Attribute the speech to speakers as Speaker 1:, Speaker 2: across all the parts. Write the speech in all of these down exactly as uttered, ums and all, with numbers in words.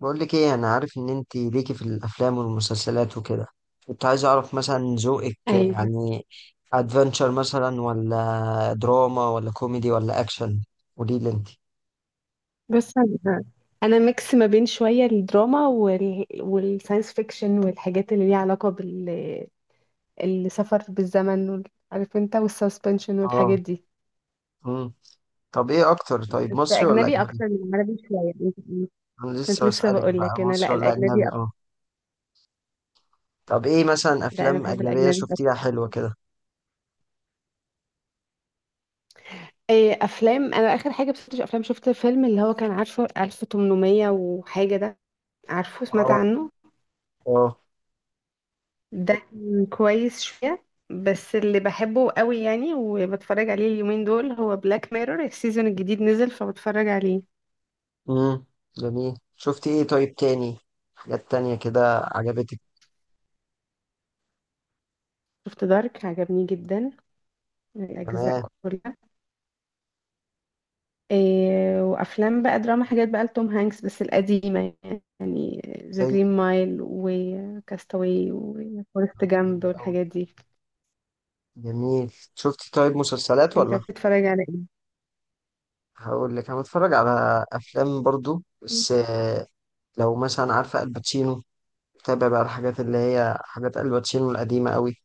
Speaker 1: بقول لك ايه، انا عارف ان انت ليكي في الافلام والمسلسلات وكده. كنت عايز اعرف مثلا ذوقك،
Speaker 2: ايوه.
Speaker 1: يعني ادفنتشر مثلا ولا دراما ولا كوميدي ولا اكشن. قولي لي انت.
Speaker 2: بص انا أنا ميكس ما بين شويه الدراما وال... والساينس فيكشن والحاجات اللي ليها علاقه بال السفر بالزمن وال... عارف انت، والسسبنشن والحاجات
Speaker 1: اه.
Speaker 2: دي.
Speaker 1: امم طب ايه اكتر، طيب
Speaker 2: بس
Speaker 1: مصري ولا
Speaker 2: اجنبي
Speaker 1: اجنبي؟
Speaker 2: اكتر من عربي شويه أنت-
Speaker 1: انا
Speaker 2: كنت
Speaker 1: لسه
Speaker 2: لسه
Speaker 1: بسألك
Speaker 2: بقول
Speaker 1: بقى
Speaker 2: لك انا،
Speaker 1: مصري
Speaker 2: لا،
Speaker 1: ولا اجنبي؟
Speaker 2: الاجنبي أكتر.
Speaker 1: اه. طب، ايه مثلا
Speaker 2: لا انا
Speaker 1: افلام
Speaker 2: بحب
Speaker 1: اجنبية
Speaker 2: الاجنبي
Speaker 1: شفتيها
Speaker 2: أكتر.
Speaker 1: حلوة كده؟
Speaker 2: إيه افلام، انا اخر حاجه بس افلام شفت فيلم اللي هو كان، عارفه ألف وثمنمية وحاجه ده؟ عارفه، سمعت
Speaker 1: اه.
Speaker 2: عنه؟
Speaker 1: اه.
Speaker 2: ده كان كويس شوية. بس اللي بحبه قوي يعني وبتفرج عليه اليومين دول هو بلاك ميرور، السيزون الجديد نزل فبتفرج عليه.
Speaker 1: امم جميل، شفتي ايه طيب تاني؟ حاجات تانية كده عجبتك؟
Speaker 2: شفت دارك، عجبني جدا الأجزاء
Speaker 1: تمام.
Speaker 2: كلها. إيه وأفلام بقى دراما، حاجات بقى لتوم هانكس بس القديمة يعني. ذا
Speaker 1: زي.
Speaker 2: جرين مايل وكاستاوي وفورست
Speaker 1: طب
Speaker 2: جامب
Speaker 1: حلو أوي،
Speaker 2: والحاجات دي.
Speaker 1: جميل. شفت طيب مسلسلات
Speaker 2: انت
Speaker 1: ولا؟
Speaker 2: بتتفرج على
Speaker 1: هقول لك، انا بتفرج على افلام برضو
Speaker 2: ايه؟
Speaker 1: بس آه، لو مثلا عارفه الباتشينو، بتابع بقى الحاجات اللي هي حاجات الباتشينو القديمه قوي،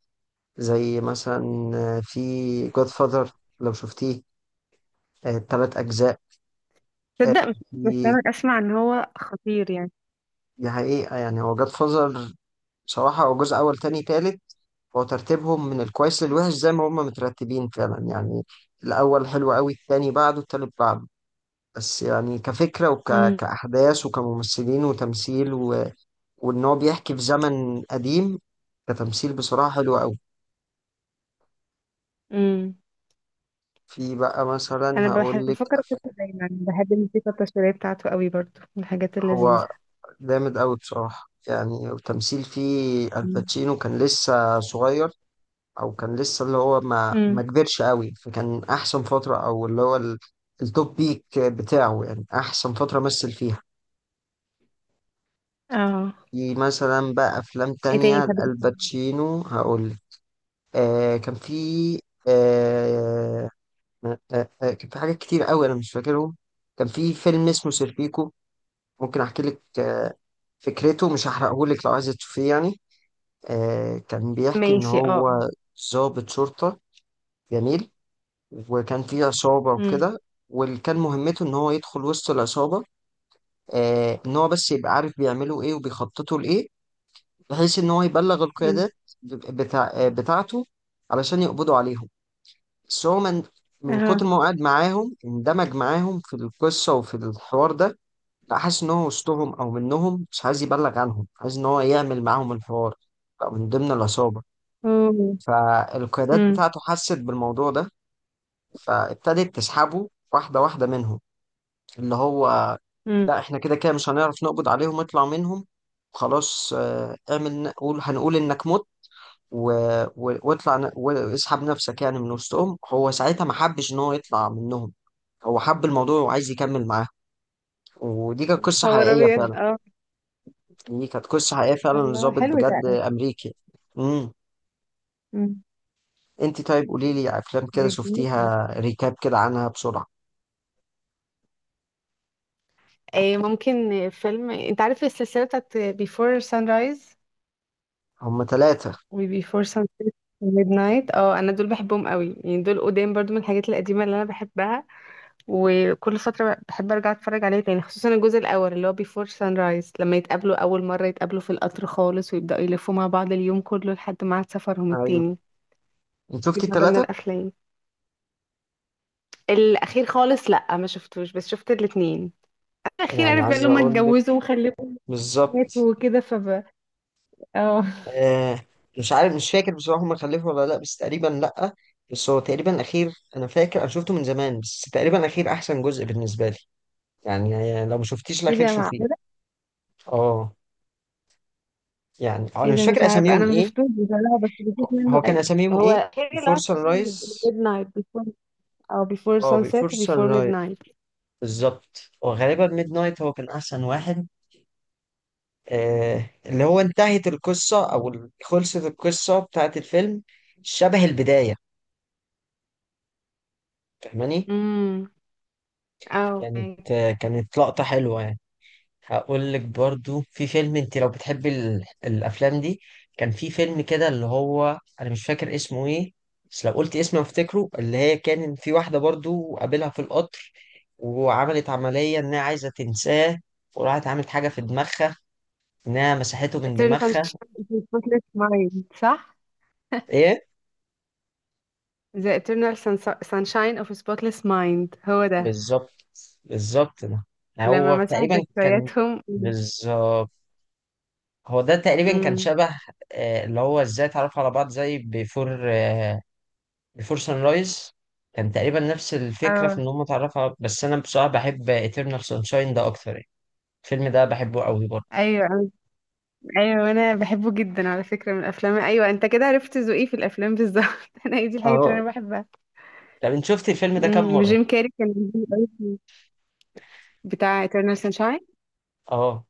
Speaker 1: زي مثلا آه، في جود فاذر، لو شفتيه، الثلاث اجزاء. آه.
Speaker 2: تصدق؟ مش بس
Speaker 1: في.
Speaker 2: انا اسمع ان هو خطير يعني.
Speaker 1: دي حقيقه يعني، هو جود فاذر بصراحه، هو جزء اول تاني تالت، هو ترتيبهم من الكويس للوحش زي ما هم مترتبين فعلا يعني. الاول حلو قوي، التاني بعده، التالت بعده. بس يعني كفكرة وك... كأحداث وكممثلين وتمثيل و... وإن هو بيحكي في زمن قديم، كتمثيل بصراحة حلو أوي.
Speaker 2: امم.
Speaker 1: في بقى مثلا،
Speaker 2: انا بحب
Speaker 1: هقول لك.
Speaker 2: بفكر اشوفه دايما، بحب الموسيقى التصويريه بتاعته قوي برضو، من الحاجات
Speaker 1: هو
Speaker 2: اللذيذه.
Speaker 1: جامد أوي بصراحة، يعني التمثيل فيه
Speaker 2: امم.
Speaker 1: الباتشينو كان لسه صغير، أو كان لسه اللي هو ما ما
Speaker 2: أمم.
Speaker 1: كبرش أوي، فكان أحسن فترة، أو اللي هو ال... التوب بيك بتاعه يعني أحسن فترة مثل فيها.
Speaker 2: اه.
Speaker 1: في مثلا بقى أفلام
Speaker 2: ايه تاني
Speaker 1: تانية
Speaker 2: بحب تسمعي؟
Speaker 1: الباتشينو هقول. آه كان في آه آه آه آه، كان في حاجات كتير قوي انا مش فاكرهم. كان في فيلم اسمه سيرفيكو. ممكن احكي لك آه فكرته مش هحرقه لك لو عايزه تشوفيه يعني. آه كان بيحكي ان
Speaker 2: ماشي، اه.
Speaker 1: هو ضابط شرطة. جميل. وكان في عصابة
Speaker 2: امم.
Speaker 1: وكده، واللي كان مهمته ان هو يدخل وسط العصابة، آه ان هو بس يبقى عارف بيعملوا ايه وبيخططوا لايه، بحيث ان هو يبلغ
Speaker 2: امم.
Speaker 1: القيادات بتاع آه بتاعته علشان يقبضوا عليهم. بس هو من من كتر
Speaker 2: اه.
Speaker 1: ما هو قاعد معاهم، اندمج معاهم في القصة وفي الحوار ده، بقى حاسس إن هو وسطهم أو منهم، مش عايز يبلغ عنهم، عايز إن هو يعمل معاهم الحوار، بقى من ضمن العصابة.
Speaker 2: اوه.
Speaker 1: فالقيادات
Speaker 2: امم.
Speaker 1: بتاعته حست بالموضوع ده، فابتدت تسحبه واحدة واحدة منهم، اللي هو
Speaker 2: امم.
Speaker 1: لا، إحنا كده كده مش هنعرف نقبض عليهم، اطلع منهم. خلاص آه، اعمل، قول هنقول إنك مت، و... و- واطلع ن- واسحب نفسك يعني من وسطهم. هو ساعتها ما حبش إن هو يطلع منهم، هو حب الموضوع وعايز يكمل معاه. ودي كانت قصة
Speaker 2: صور
Speaker 1: حقيقية
Speaker 2: ابيض،
Speaker 1: فعلا،
Speaker 2: اه.
Speaker 1: دي كانت قصة حقيقية فعلا
Speaker 2: الله،
Speaker 1: لظابط
Speaker 2: حلو ده
Speaker 1: بجد
Speaker 2: قوي.
Speaker 1: أمريكي. امم.
Speaker 2: امم.
Speaker 1: انت طيب، قولي لي أفلام كده
Speaker 2: ده جميل ده.
Speaker 1: شفتيها، ريكاب كده عنها بسرعة.
Speaker 2: إيه ممكن فيلم، انت عارف السلسله بتاعت Before Sunrise
Speaker 1: هما ثلاثة.
Speaker 2: و Before Sunset و Midnight؟ اه انا دول بحبهم قوي يعني، دول قدام برضو من الحاجات القديمه اللي انا بحبها. وكل فترة بحب أرجع أتفرج عليه تاني، خصوصا الجزء الأول اللي هو بيفور سان رايز، لما يتقابلوا أول مرة، يتقابلوا في القطر خالص ويبدأوا يلفوا مع بعض اليوم كله لحد ميعاد سفرهم
Speaker 1: أيوه،
Speaker 2: التاني.
Speaker 1: انت
Speaker 2: دي
Speaker 1: شفتي
Speaker 2: من ضمن
Speaker 1: الثلاثة؟
Speaker 2: الأفلام. الأخير خالص، لأ، ما شفتوش، بس شفت الاتنين. الأخير،
Speaker 1: يعني
Speaker 2: عارف بقى
Speaker 1: عايز
Speaker 2: اللي هما
Speaker 1: أقول لك.
Speaker 2: اتجوزوا وخلفوا
Speaker 1: بالظبط.
Speaker 2: وماتوا وكده فب. اه.
Speaker 1: آه مش عارف، مش فاكر بصراحة هما خلفوا ولا لأ، بس تقريبا لأ. بس هو تقريبا الأخير، أنا فاكر أنا شفته من زمان، بس تقريبا الأخير أحسن جزء بالنسبة لي. يعني يعني لو ما شفتيش
Speaker 2: ايه
Speaker 1: الأخير
Speaker 2: ده،
Speaker 1: شوفيه.
Speaker 2: معقولة؟
Speaker 1: اه. يعني انا
Speaker 2: ايه ده،
Speaker 1: مش
Speaker 2: مش
Speaker 1: فاكر
Speaker 2: عارف،
Speaker 1: اساميهم
Speaker 2: أنا ما
Speaker 1: ايه.
Speaker 2: شفتوش بصراحة بس بشوف
Speaker 1: هو
Speaker 2: منه
Speaker 1: هو كان
Speaker 2: قليل.
Speaker 1: اساميهم
Speaker 2: هو
Speaker 1: ايه؟
Speaker 2: الأخير اللي
Speaker 1: بيفور
Speaker 2: هو
Speaker 1: سان رايز.
Speaker 2: ميد نايت بيفور، أو بيفور
Speaker 1: اه، بيفور
Speaker 2: سانسيت
Speaker 1: سان
Speaker 2: وبيفور ميد
Speaker 1: رايز.
Speaker 2: نايت.
Speaker 1: بالظبط، وغالبا ميد نايت هو كان احسن واحد. آه اللي هو انتهت القصه، او ال- خلصت القصه بتاعت الفيلم، شبه البدايه، فاهماني؟
Speaker 2: امم. اه.
Speaker 1: كانت آه كانت لقطه حلوه يعني. هقول لك برضو، في فيلم، انت لو بتحبي ال... الافلام دي، كان في فيلم كده اللي هو انا مش فاكر اسمه ايه، بس لو قلت اسمه افتكره. اللي هي كان في واحده برضو قابلها في القطر، وعملت عمليه انها عايزه تنساه، وراحت عملت حاجه في دماغها، انها مسحته من
Speaker 2: Eternal
Speaker 1: دماغها.
Speaker 2: Sunshine of the Spotless Mind، صح؟
Speaker 1: ايه.
Speaker 2: The Eternal Sun- Sunshine of a Spotless Mind، هو ده.
Speaker 1: بالظبط. بالظبط ده.
Speaker 2: لما
Speaker 1: هو
Speaker 2: مسحوا
Speaker 1: تقريبا كان.
Speaker 2: ذكرياتهم.
Speaker 1: بالظبط، هو ده تقريبا كان
Speaker 2: امم.
Speaker 1: شبه آه، اللي هو ازاي اتعرفوا على بعض زي بيفور، بيفور سان رايز. كان تقريبا نفس الفكرة، في
Speaker 2: اه.
Speaker 1: إن هم اتعرفوا، بس أنا بصراحة بحب إترنال سانشاين ده أكتر يعني. الفيلم ده بحبه قوي برضه.
Speaker 2: ايوه. ايوه انا بحبه جدا على فكره، من الافلام. ايوه انت كده عرفت ذوقي في الافلام بالظبط. انا هي دي الحاجات اللي
Speaker 1: اه.
Speaker 2: انا بحبها.
Speaker 1: طب أنت شفت الفيلم ده كام
Speaker 2: امم،
Speaker 1: مرة؟
Speaker 2: وجيم كاري كان جميل أوي في- بتاع Eternal Sunshine.
Speaker 1: أه.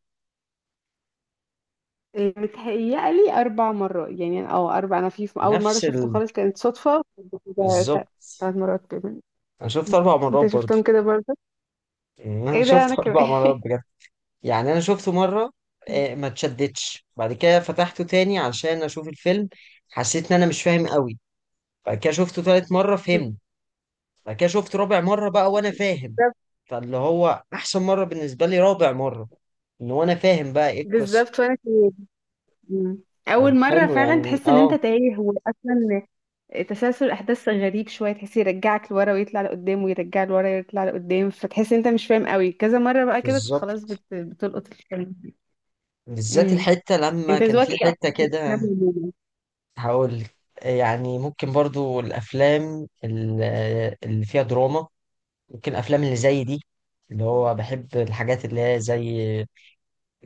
Speaker 2: متهيألي أربع مرات يعني أنا- أو أربع، أنا في في أول مرة
Speaker 1: نفس
Speaker 2: شفته
Speaker 1: ال...
Speaker 2: خالص كانت صدفة ده- ده-
Speaker 1: بالظبط.
Speaker 2: تلات مرات كمان.
Speaker 1: أنا شفته
Speaker 2: أمم.
Speaker 1: اربع مرات
Speaker 2: أنت
Speaker 1: برضه.
Speaker 2: شفتهم كده؟
Speaker 1: يعني أنا
Speaker 2: ايه ده انا
Speaker 1: شفته أربع
Speaker 2: كمان
Speaker 1: مرات بجد. يعني أنا شفته مرة، آه، ما اتشدتش، بعد كده فتحته تاني عشان أشوف الفيلم، حسيت إن أنا مش فاهم قوي، بعد كده شفته تالت مرة فهمت، بعد كده شفته رابع مرة بقى وأنا فاهم.
Speaker 2: بالظبط.
Speaker 1: فاللي هو أحسن مرة بالنسبة لي رابع مرة، ان هو انا فاهم بقى ايه القصه.
Speaker 2: بالظبط وانا كمان. مم.
Speaker 1: طب
Speaker 2: اول مره
Speaker 1: حلو
Speaker 2: فعلا
Speaker 1: يعني،
Speaker 2: تحس ان انت
Speaker 1: اه.
Speaker 2: تايه، واصلا تسلسل الاحداث غريب شويه، تحس يرجعك لورا ويطلع لقدام ويرجع لورا ويطلع لقدام، فتحس إن انت مش فاهم قوي، كذا مره بقى كده
Speaker 1: بالظبط،
Speaker 2: خلاص بت... بتلقط الفيلم.
Speaker 1: بالذات
Speaker 2: امم.
Speaker 1: الحته لما
Speaker 2: انت
Speaker 1: كان
Speaker 2: ذوقك
Speaker 1: في
Speaker 2: ايه
Speaker 1: حته كده.
Speaker 2: اصلا؟
Speaker 1: هقول لك. يعني ممكن برضو الافلام ال- اللي فيها دراما، ممكن الافلام اللي زي دي، اللي هو بحب الحاجات اللي هي زي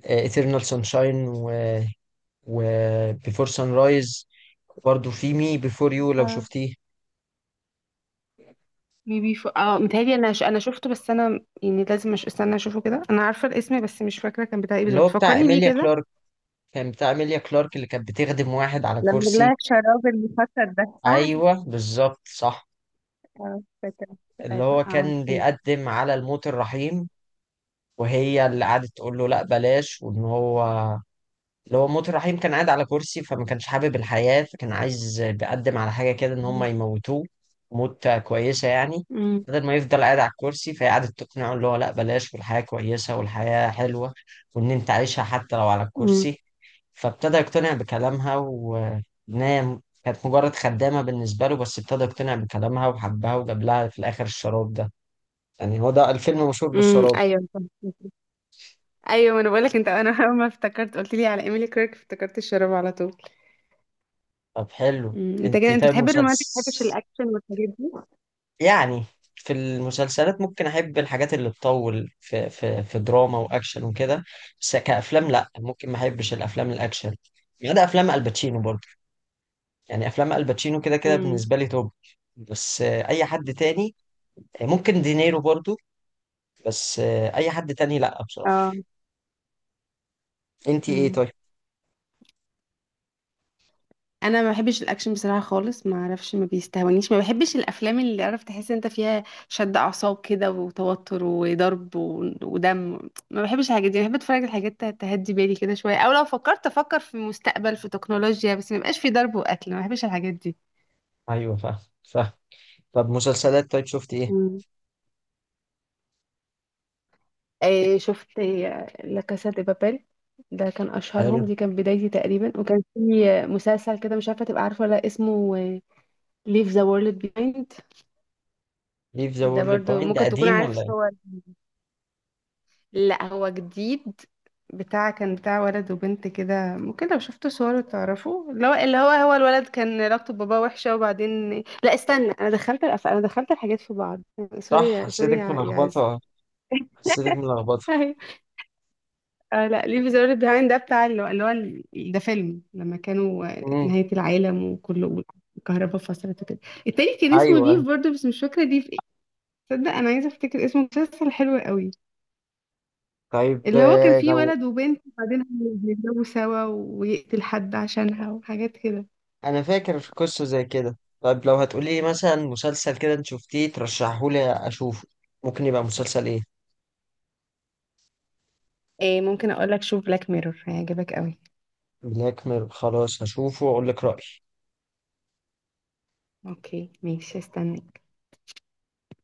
Speaker 1: آه، Eternal Sunshine و, و Before Sunrise. برضو في مي Before You، لو
Speaker 2: اه
Speaker 1: شفتيه،
Speaker 2: ميبي ف... اه متهيألي انا ش... انا شفته، بس انا يعني لازم أش... استنى اشوفه كده، انا عارفه الاسم بس مش فاكره كان بتاع ايه
Speaker 1: اللي
Speaker 2: بالظبط،
Speaker 1: هو بتاع
Speaker 2: فكرني بيه
Speaker 1: إيميليا
Speaker 2: كده.
Speaker 1: كلارك. كان بتاع إيميليا كلارك اللي كانت بتخدم واحد على
Speaker 2: لما لها
Speaker 1: كرسي.
Speaker 2: الشراب المفسد ده، صح.
Speaker 1: أيوه، بالظبط، صح.
Speaker 2: اه فاكر.
Speaker 1: اللي
Speaker 2: اه
Speaker 1: هو كان
Speaker 2: عارفه.
Speaker 1: بيقدم على الموت الرحيم، وهي اللي قعدت تقول له لا بلاش، وان هو، اللي هو موت الرحيم، كان قاعد على كرسي فما كانش حابب الحياة، فكان عايز بيقدم على حاجة كده ان هم يموتوه موت كويسة يعني،
Speaker 2: امم.
Speaker 1: بدل ما يفضل قاعد على الكرسي. فهي قعدت تقنعه اللي هو لا بلاش، والحياة كويسة والحياة حلوة، وان انت عايشها حتى لو على
Speaker 2: امم.
Speaker 1: الكرسي. فابتدى يقتنع بكلامها، وانها كانت مجرد خدامة بالنسبة له، بس ابتدى يقتنع بكلامها وحبها، وجاب لها في الآخر الشراب ده. يعني هو ده الفيلم مشهور
Speaker 2: امم.
Speaker 1: بالشراب.
Speaker 2: ايوه صح. ايوه ما انا بقولك، انت انا اول ما افتكرت قلت لي على ايميلي كيرك، افتكرت الشراب على طول.
Speaker 1: طب حلو.
Speaker 2: امم. انت
Speaker 1: انت
Speaker 2: كده انت
Speaker 1: طيب
Speaker 2: بتحب الرومانتك، ما بتحبش
Speaker 1: مسلسل،
Speaker 2: الاكشن والحاجات دي.
Speaker 1: يعني في المسلسلات ممكن احب الحاجات اللي تطول في في في دراما واكشن وكده، بس كافلام لا، ممكن ما احبش الافلام الاكشن، ما عدا افلام الباتشينو برضه. يعني افلام الباتشينو كده كده
Speaker 2: امم.
Speaker 1: بالنسبه لي توب. بس آه، اي حد تاني، آه، ممكن دينيرو برضه، بس آه، اي حد تاني لا بصراحه.
Speaker 2: اه.
Speaker 1: انت ايه
Speaker 2: امم.
Speaker 1: طيب؟
Speaker 2: انا ما بحبش الاكشن بصراحه خالص، ما اعرفش، ما بيستهونيش، ما بحبش الافلام اللي عرفت تحس انت فيها شد اعصاب كده وتوتر وضرب و- ودم، ما بحبش الحاجات دي. بحب اتفرج على حاجات ت- تهدي بالي كده شويه، او لو فكرت افكر في مستقبل في تكنولوجيا، بس ما يبقاش في ضرب وقتل، ما بحبش الحاجات دي.
Speaker 1: ايوه، فاهم فاهم. طب مسلسلات طيب، شفت ايه؟
Speaker 2: مم. إيه شفت إيه، لا كاسا دي بابيل، ده كان اشهرهم،
Speaker 1: حلو.
Speaker 2: دي كان بدايتي تقريبا. وكان في آه، مسلسل كده، مش عارفه تبقى عارفه ولا لأ، اسمه ليف ذا وورلد بيهايند.
Speaker 1: ليف ذا
Speaker 2: ده
Speaker 1: وورلد
Speaker 2: برضو
Speaker 1: بوينت ده
Speaker 2: ممكن تكون
Speaker 1: قديم
Speaker 2: عارف،
Speaker 1: ولا؟
Speaker 2: صور. لا هو جديد. بتاع كان بتاع ولد وبنت كده، ممكن لو شفتوا صوره تعرفوا، اللي هو اللي هو هو الولد كان علاقته بباباه وحشة وبعدين. لا استنى، انا دخلت الأف... انا دخلت الحاجات في بعض،
Speaker 1: صح،
Speaker 2: سوري سوري
Speaker 1: حسيتك
Speaker 2: يا يا عز.
Speaker 1: ملخبطة. حسيتك ملخبطة.
Speaker 2: أيوة. آه لا، ليه بيزور بيهايند ده بتاع اللي هو اللي هو ال- ده فيلم لما كانوا آه،
Speaker 1: امم.
Speaker 2: نهاية العالم وكله، الكهرباء فصلت وكده. التاني كان اسمه
Speaker 1: أيوه، أيوه.
Speaker 2: ليف برضه، بس مش فاكرة ليف ايه. تصدق انا عايزة افتكر اسمه، مسلسل حلو قوي،
Speaker 1: طيب
Speaker 2: اللي هو كان
Speaker 1: آه،
Speaker 2: فيه
Speaker 1: لو،
Speaker 2: ولد وبنت وبعدين بيتجوزوا سوا ويقتل حد عشانها وحاجات كده.
Speaker 1: أنا فاكر في قصة زي كده. طيب لو هتقولي مثلا مسلسل كده أنت شفتيه ترشحهولي أشوفه، ممكن يبقى مسلسل إيه؟
Speaker 2: إيه ممكن اقول لك، شوف بلاك ميرور، هيعجبك قوي.
Speaker 1: بلاك ميرور خلاص هشوفه وأقول لك رأيي.
Speaker 2: اوكي ماشي، استنى.